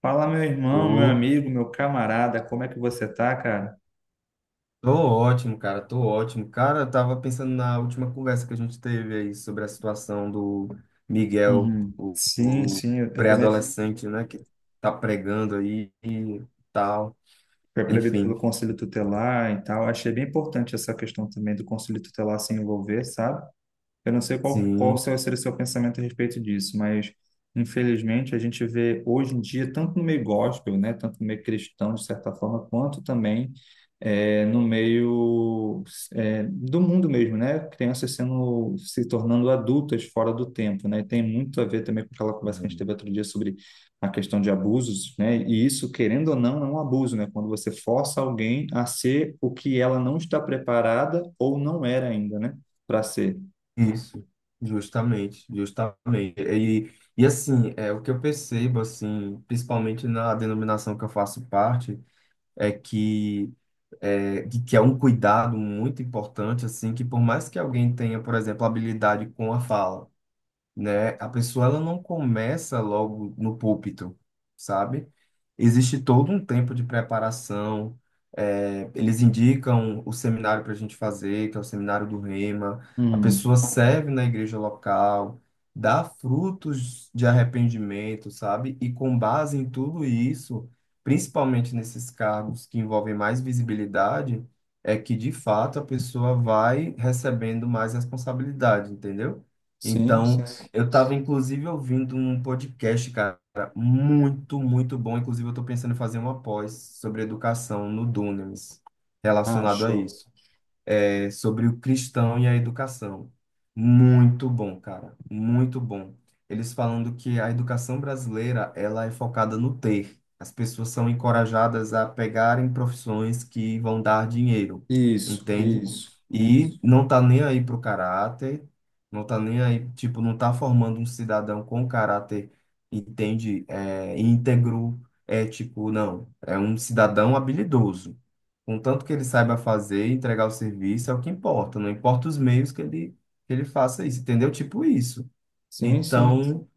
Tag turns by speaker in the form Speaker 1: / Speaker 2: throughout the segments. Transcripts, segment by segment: Speaker 1: Fala, meu irmão, meu
Speaker 2: Ô,
Speaker 1: amigo, meu camarada, como é que você tá, cara?
Speaker 2: tô ótimo. Cara, eu tava pensando na última conversa que a gente teve aí sobre a situação do Miguel,
Speaker 1: Uhum.
Speaker 2: o,
Speaker 1: Sim,
Speaker 2: o
Speaker 1: sim, eu, eu também
Speaker 2: pré-adolescente, né, que tá pregando aí e tal.
Speaker 1: fui proibido pelo
Speaker 2: Enfim,
Speaker 1: Conselho Tutelar e tal. Achei bem importante essa questão também do Conselho Tutelar se envolver, sabe? Eu não sei
Speaker 2: sim.
Speaker 1: seria o seu pensamento a respeito disso, mas infelizmente a gente vê hoje em dia, tanto no meio gospel, né, tanto no meio cristão, de certa forma, quanto também no meio do mundo mesmo, né? Crianças sendo, se tornando adultas fora do tempo, né? E tem muito a ver também com aquela conversa que a gente
Speaker 2: Hum.
Speaker 1: teve outro dia sobre a questão de abusos, né? E isso, querendo ou não, é um abuso, né? Quando você força alguém a ser o que ela não está preparada ou não era ainda, né? Para ser.
Speaker 2: Isso, justamente, justamente. E assim, é o que eu percebo, assim, principalmente na denominação que eu faço parte. É que é, de que é um cuidado muito importante, assim, que por mais que alguém tenha, por exemplo, habilidade com a fala, né? A pessoa ela não começa logo no púlpito, sabe? Existe todo um tempo de preparação. É, eles indicam o seminário para a gente fazer, que é o seminário do Rema. A
Speaker 1: Hum,
Speaker 2: pessoa serve na igreja local, dá frutos de arrependimento, sabe? E com base em tudo isso, principalmente nesses cargos que envolvem mais visibilidade, é que de fato a pessoa vai recebendo mais responsabilidade, entendeu?
Speaker 1: sim,
Speaker 2: Então,
Speaker 1: sim.
Speaker 2: eu tava, inclusive, ouvindo um podcast, cara, muito, muito bom. Inclusive, eu tô pensando em fazer uma pós sobre educação no Dunamis,
Speaker 1: Ah,
Speaker 2: relacionado a
Speaker 1: show.
Speaker 2: isso. É, sobre o cristão e a educação. Muito bom, cara, muito bom. Eles falando que a educação brasileira, ela é focada no ter. As pessoas são encorajadas a pegarem profissões que vão dar dinheiro,
Speaker 1: Isso,
Speaker 2: entende?
Speaker 1: isso.
Speaker 2: E não tá nem aí pro caráter, não tá nem aí, tipo, não tá formando um cidadão com caráter, entende? É, íntegro, ético, não. É um cidadão habilidoso. Contanto que ele saiba fazer e entregar o serviço, é o que importa. Não importa os meios que ele faça isso, entendeu? Tipo isso.
Speaker 1: Sim, sim.
Speaker 2: Então,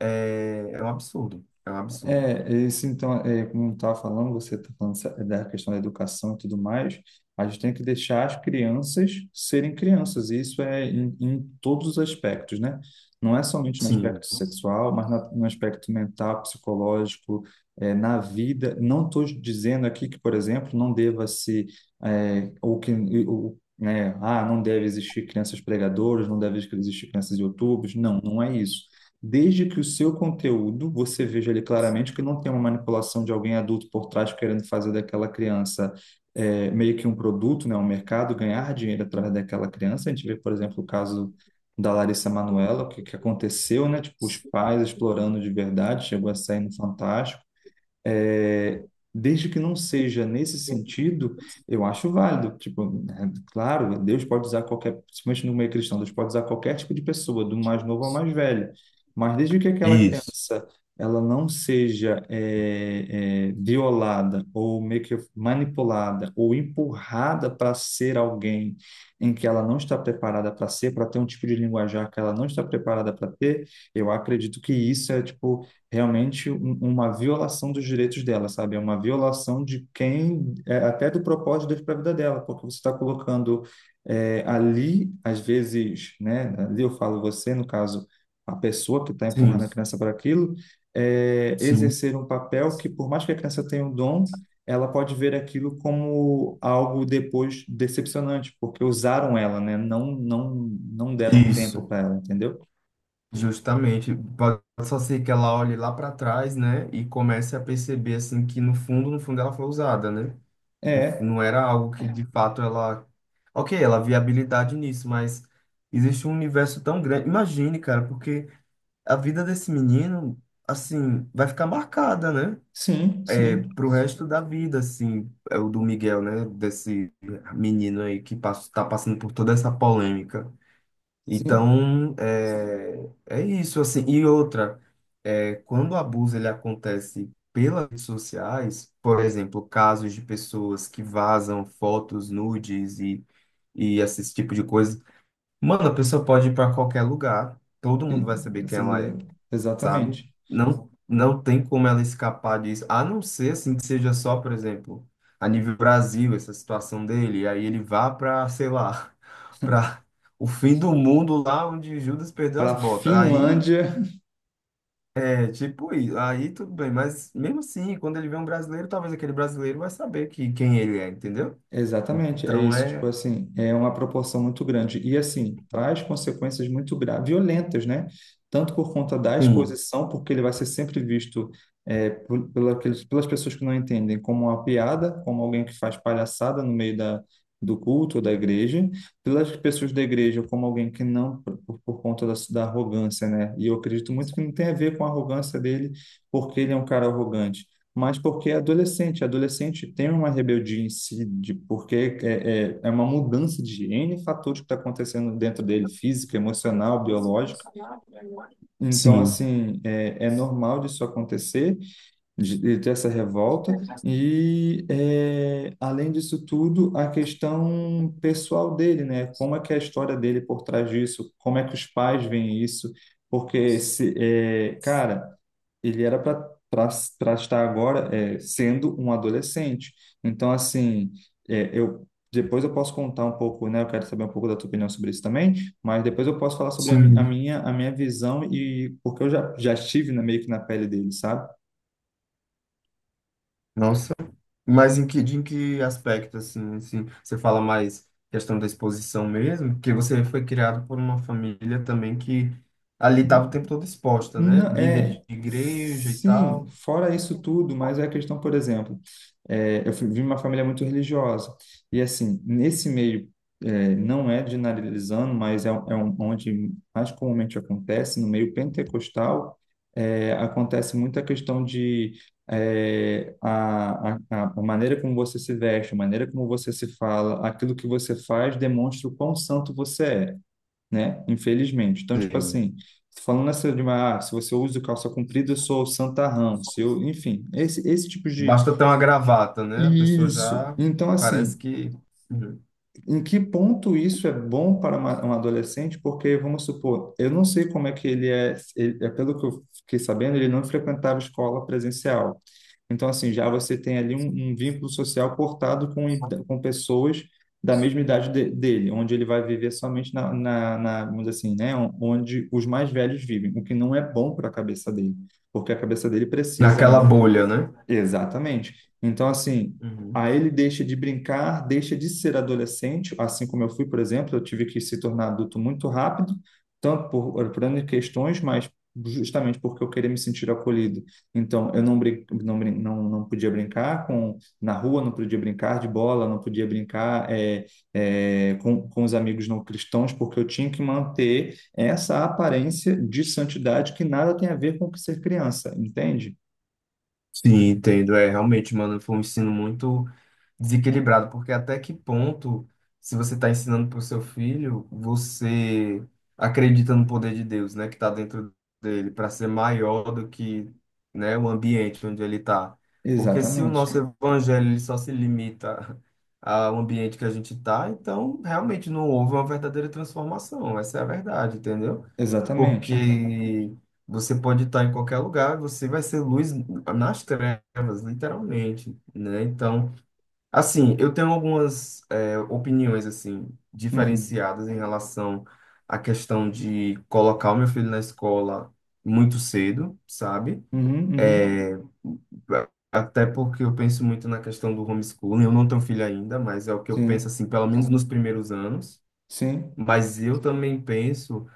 Speaker 2: é, é um absurdo. É um absurdo.
Speaker 1: É, isso então, é, como eu estava falando, você está falando da questão da educação e tudo mais, a gente tem que deixar as crianças serem crianças, e isso é em todos os aspectos, né? Não é somente no
Speaker 2: Sim,
Speaker 1: aspecto sexual, mas no aspecto mental, psicológico, é, na vida. Não estou dizendo aqui que, por exemplo, não deva se, é, ou que, ou, né, ah, não deve existir crianças pregadoras, não deve existir crianças youtubers, não, não é isso, desde que o seu conteúdo você veja ali claramente que não tem uma manipulação de alguém adulto por trás querendo fazer daquela criança é, meio que um produto, né, um mercado, ganhar dinheiro através daquela criança. A gente vê, por exemplo, o caso da Larissa Manoela, o que aconteceu, né? Tipo, os pais explorando de verdade, chegou a sair no Fantástico. É, desde que não seja nesse sentido, eu acho válido. Tipo, né, claro, Deus pode usar qualquer, principalmente no meio cristão, Deus pode usar qualquer tipo de pessoa, do mais novo ao mais velho. Mas desde que aquela
Speaker 2: isso.
Speaker 1: criança ela não seja violada ou meio que manipulada ou empurrada para ser alguém em que ela não está preparada para ser, para ter um tipo de linguajar que ela não está preparada para ter, eu acredito que isso é tipo realmente uma violação dos direitos dela, sabe? É uma violação de quem, é, até do propósito de Deus para a vida dela, porque você está colocando é, ali, às vezes, né? Ali eu falo você, no caso, a pessoa que está
Speaker 2: Sim,
Speaker 1: empurrando a criança para aquilo, é,
Speaker 2: sim,
Speaker 1: exercer um papel que, por mais que a criança tenha um dom, ela pode ver aquilo como algo depois decepcionante, porque usaram ela, né? Não, não deram tempo
Speaker 2: isso.
Speaker 1: para ela, entendeu?
Speaker 2: Justamente. Pode só ser que ela olhe lá para trás, né? E comece a perceber, assim, que no fundo, no fundo ela foi usada, né?
Speaker 1: É,
Speaker 2: Não era algo que de fato ela. Ok, ela via habilidade nisso, mas existe um universo tão grande. Imagine, cara, porque a vida desse menino, assim, vai ficar marcada, né?
Speaker 1: sim,
Speaker 2: É,
Speaker 1: sim.
Speaker 2: pro resto da vida, assim, é o do Miguel, né? Desse menino aí que passa, tá passando por toda essa polêmica.
Speaker 1: Sim,
Speaker 2: Então, é, é isso, assim. E outra, é, quando o abuso ele acontece pelas redes sociais, por exemplo, casos de pessoas que vazam fotos nudes e esse tipo de coisa, mano, a pessoa pode ir para qualquer lugar, todo mundo
Speaker 1: Fi-
Speaker 2: vai saber quem
Speaker 1: essa-
Speaker 2: ela é, sabe?
Speaker 1: exatamente.
Speaker 2: Não tem como ela escapar disso, a não ser assim que seja só, por exemplo, a nível Brasil, essa situação dele, e aí ele vá para, sei lá, para o fim do mundo lá onde Judas perdeu
Speaker 1: Para
Speaker 2: as
Speaker 1: a
Speaker 2: botas. Aí
Speaker 1: Finlândia.
Speaker 2: é tipo, isso, aí tudo bem, mas mesmo assim, quando ele vê um brasileiro, talvez aquele brasileiro vai saber que quem ele é, entendeu?
Speaker 1: Exatamente, é
Speaker 2: Então
Speaker 1: isso, tipo
Speaker 2: é,
Speaker 1: assim, é uma proporção muito grande e assim, traz consequências muito graves, violentas, né? Tanto por conta da
Speaker 2: sim.
Speaker 1: exposição, porque ele vai ser sempre visto é, pelas pessoas que não entendem como uma piada, como alguém que faz palhaçada no meio da, do culto ou da igreja, pelas pessoas da igreja como alguém que não, por conta da arrogância, né? E eu acredito muito que não tem a ver com a arrogância dele, porque ele é um cara arrogante, mas porque é adolescente. Adolescente tem uma rebeldia em si, de, porque é uma mudança de N fatores que está acontecendo dentro dele, física, emocional, biológica. Então,
Speaker 2: Sim,
Speaker 1: assim, é normal disso acontecer, de ter essa revolta, e é, além disso tudo, a questão pessoal dele, né? Como é que é a história dele por trás disso? Como é que os pais veem isso? Porque, se, é, cara, ele era para estar agora é, sendo um adolescente. Então, assim, eu depois eu posso contar um pouco, né? Eu quero saber um pouco da tua opinião sobre isso também, mas depois eu posso falar sobre a
Speaker 2: sim.
Speaker 1: minha visão e porque eu já estive na, meio que na pele dele, sabe?
Speaker 2: Nossa, mas em que, de em que aspecto, assim, assim, você fala mais questão da exposição mesmo? Porque você foi criado por uma família também que ali estava o tempo todo exposta, né?
Speaker 1: Não,
Speaker 2: Líder
Speaker 1: é,
Speaker 2: de igreja e
Speaker 1: sim,
Speaker 2: tal.
Speaker 1: fora isso tudo, mas é a questão, por exemplo, é, vim de uma família muito religiosa, e assim, nesse meio, é, não é generalizando, mas é, onde mais comumente acontece, no meio pentecostal, é, acontece muita questão de é, a maneira como você se veste, a maneira como você se fala, aquilo que você faz demonstra o quão santo você é, né? Infelizmente. Então, tipo
Speaker 2: Sim.
Speaker 1: assim, falando essa de uma, ah, se você usa calça comprida, eu sou o santarrão, se eu, enfim, esse tipo de.
Speaker 2: Basta ter uma gravata, né? A pessoa
Speaker 1: Isso.
Speaker 2: já
Speaker 1: Então,
Speaker 2: parece
Speaker 1: assim,
Speaker 2: que, uhum,
Speaker 1: em que ponto isso é bom para uma, um adolescente? Porque, vamos supor, eu não sei como é que ele é, é pelo que eu fiquei sabendo, ele não frequentava escola presencial. Então, assim, já você tem ali um vínculo social cortado com, com pessoas da mesma idade dele, onde ele vai viver somente na, vamos dizer assim, né, onde os mais velhos vivem, o que não é bom para a cabeça dele, porque a cabeça dele precisa
Speaker 2: naquela
Speaker 1: ainda.
Speaker 2: bolha, né?
Speaker 1: Exatamente. Então, assim,
Speaker 2: Uhum.
Speaker 1: aí ele deixa de brincar, deixa de ser adolescente, assim como eu fui, por exemplo, eu tive que se tornar adulto muito rápido, tanto por N questões, mas justamente porque eu queria me sentir acolhido. Então, eu não, brin não, brin- não, não podia brincar com, na rua, não podia brincar de bola, não podia brincar com os amigos não cristãos, porque eu tinha que manter essa aparência de santidade que nada tem a ver com ser criança, entende?
Speaker 2: Sim, entendo. É, realmente, mano, foi um ensino muito desequilibrado, porque até que ponto, se você está ensinando para o seu filho, você acredita no poder de Deus, né, que está dentro dele, para ser maior do que, né, o ambiente onde ele está. Porque se o nosso
Speaker 1: Exatamente.
Speaker 2: evangelho ele só se limita ao ambiente que a gente está, então realmente não houve uma verdadeira transformação. Essa é a verdade, entendeu?
Speaker 1: Exatamente.
Speaker 2: Porque você pode estar em qualquer lugar, você vai ser luz nas trevas, literalmente, né? Então, assim, eu tenho algumas opiniões assim
Speaker 1: Uhum.
Speaker 2: diferenciadas em relação à questão de colocar o meu filho na escola muito cedo, sabe?
Speaker 1: Uhum, uhum.
Speaker 2: Eh, até porque eu penso muito na questão do homeschooling. Eu não tenho filho ainda, mas é o que eu penso
Speaker 1: Sim,
Speaker 2: assim, pelo menos nos primeiros anos.
Speaker 1: sim,
Speaker 2: Mas eu também penso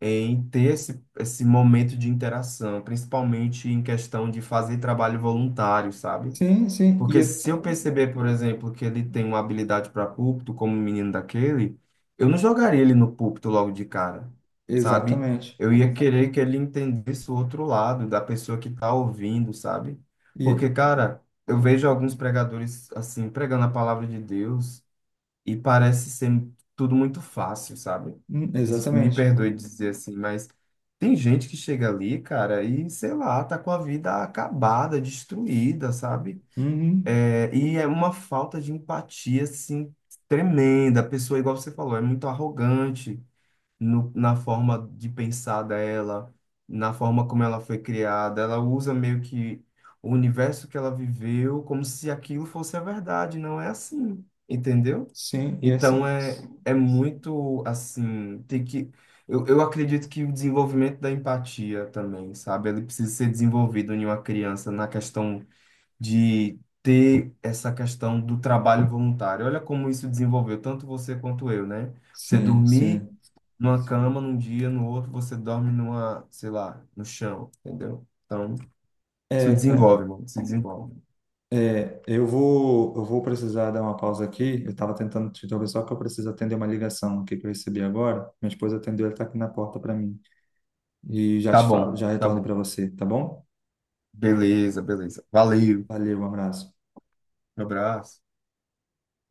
Speaker 2: em ter esse momento de interação, principalmente em questão de fazer trabalho voluntário, sabe?
Speaker 1: sim, sim. E
Speaker 2: Porque
Speaker 1: é-
Speaker 2: se eu perceber, por exemplo, que ele tem uma habilidade para púlpito, como o menino daquele, eu não jogaria ele no púlpito logo de cara, sabe?
Speaker 1: exatamente.
Speaker 2: Eu ia querer que ele entendesse o outro lado da pessoa que tá ouvindo, sabe?
Speaker 1: E,
Speaker 2: Porque,
Speaker 1: é-
Speaker 2: cara, eu vejo alguns pregadores, assim, pregando a palavra de Deus e parece ser tudo muito fácil, sabe? Me
Speaker 1: exatamente.
Speaker 2: perdoe dizer assim, mas tem gente que chega ali, cara, e sei lá, tá com a vida acabada, destruída, sabe?
Speaker 1: Uhum.
Speaker 2: É, e é uma falta de empatia, assim, tremenda. A pessoa, igual você falou, é muito arrogante na forma de pensar dela, na forma como ela foi criada. Ela usa meio que o universo que ela viveu como se aquilo fosse a verdade. Não é assim, entendeu?
Speaker 1: Sim, e é
Speaker 2: Então,
Speaker 1: assim.
Speaker 2: é, é muito, assim, tem que... Eu, acredito que o desenvolvimento da empatia também, sabe? Ele precisa ser desenvolvido em uma criança na questão de ter essa questão do trabalho voluntário. Olha como isso desenvolveu tanto você quanto eu, né? Você
Speaker 1: Sim,
Speaker 2: dormir
Speaker 1: sim.
Speaker 2: numa cama num dia, no outro você dorme numa, sei lá, no chão, entendeu? Então, isso
Speaker 1: É, cara,
Speaker 2: desenvolve, mano, isso desenvolve.
Speaker 1: é, eu vou precisar dar uma pausa aqui. Eu estava tentando te interromper, só que eu preciso atender uma ligação aqui que eu recebi agora. Minha esposa atendeu, ela está aqui na porta para mim. E já
Speaker 2: Tá
Speaker 1: te falo,
Speaker 2: bom,
Speaker 1: já
Speaker 2: tá
Speaker 1: retorno
Speaker 2: bom.
Speaker 1: para você, tá bom?
Speaker 2: Beleza, beleza. Valeu.
Speaker 1: Valeu, um abraço.
Speaker 2: Um abraço.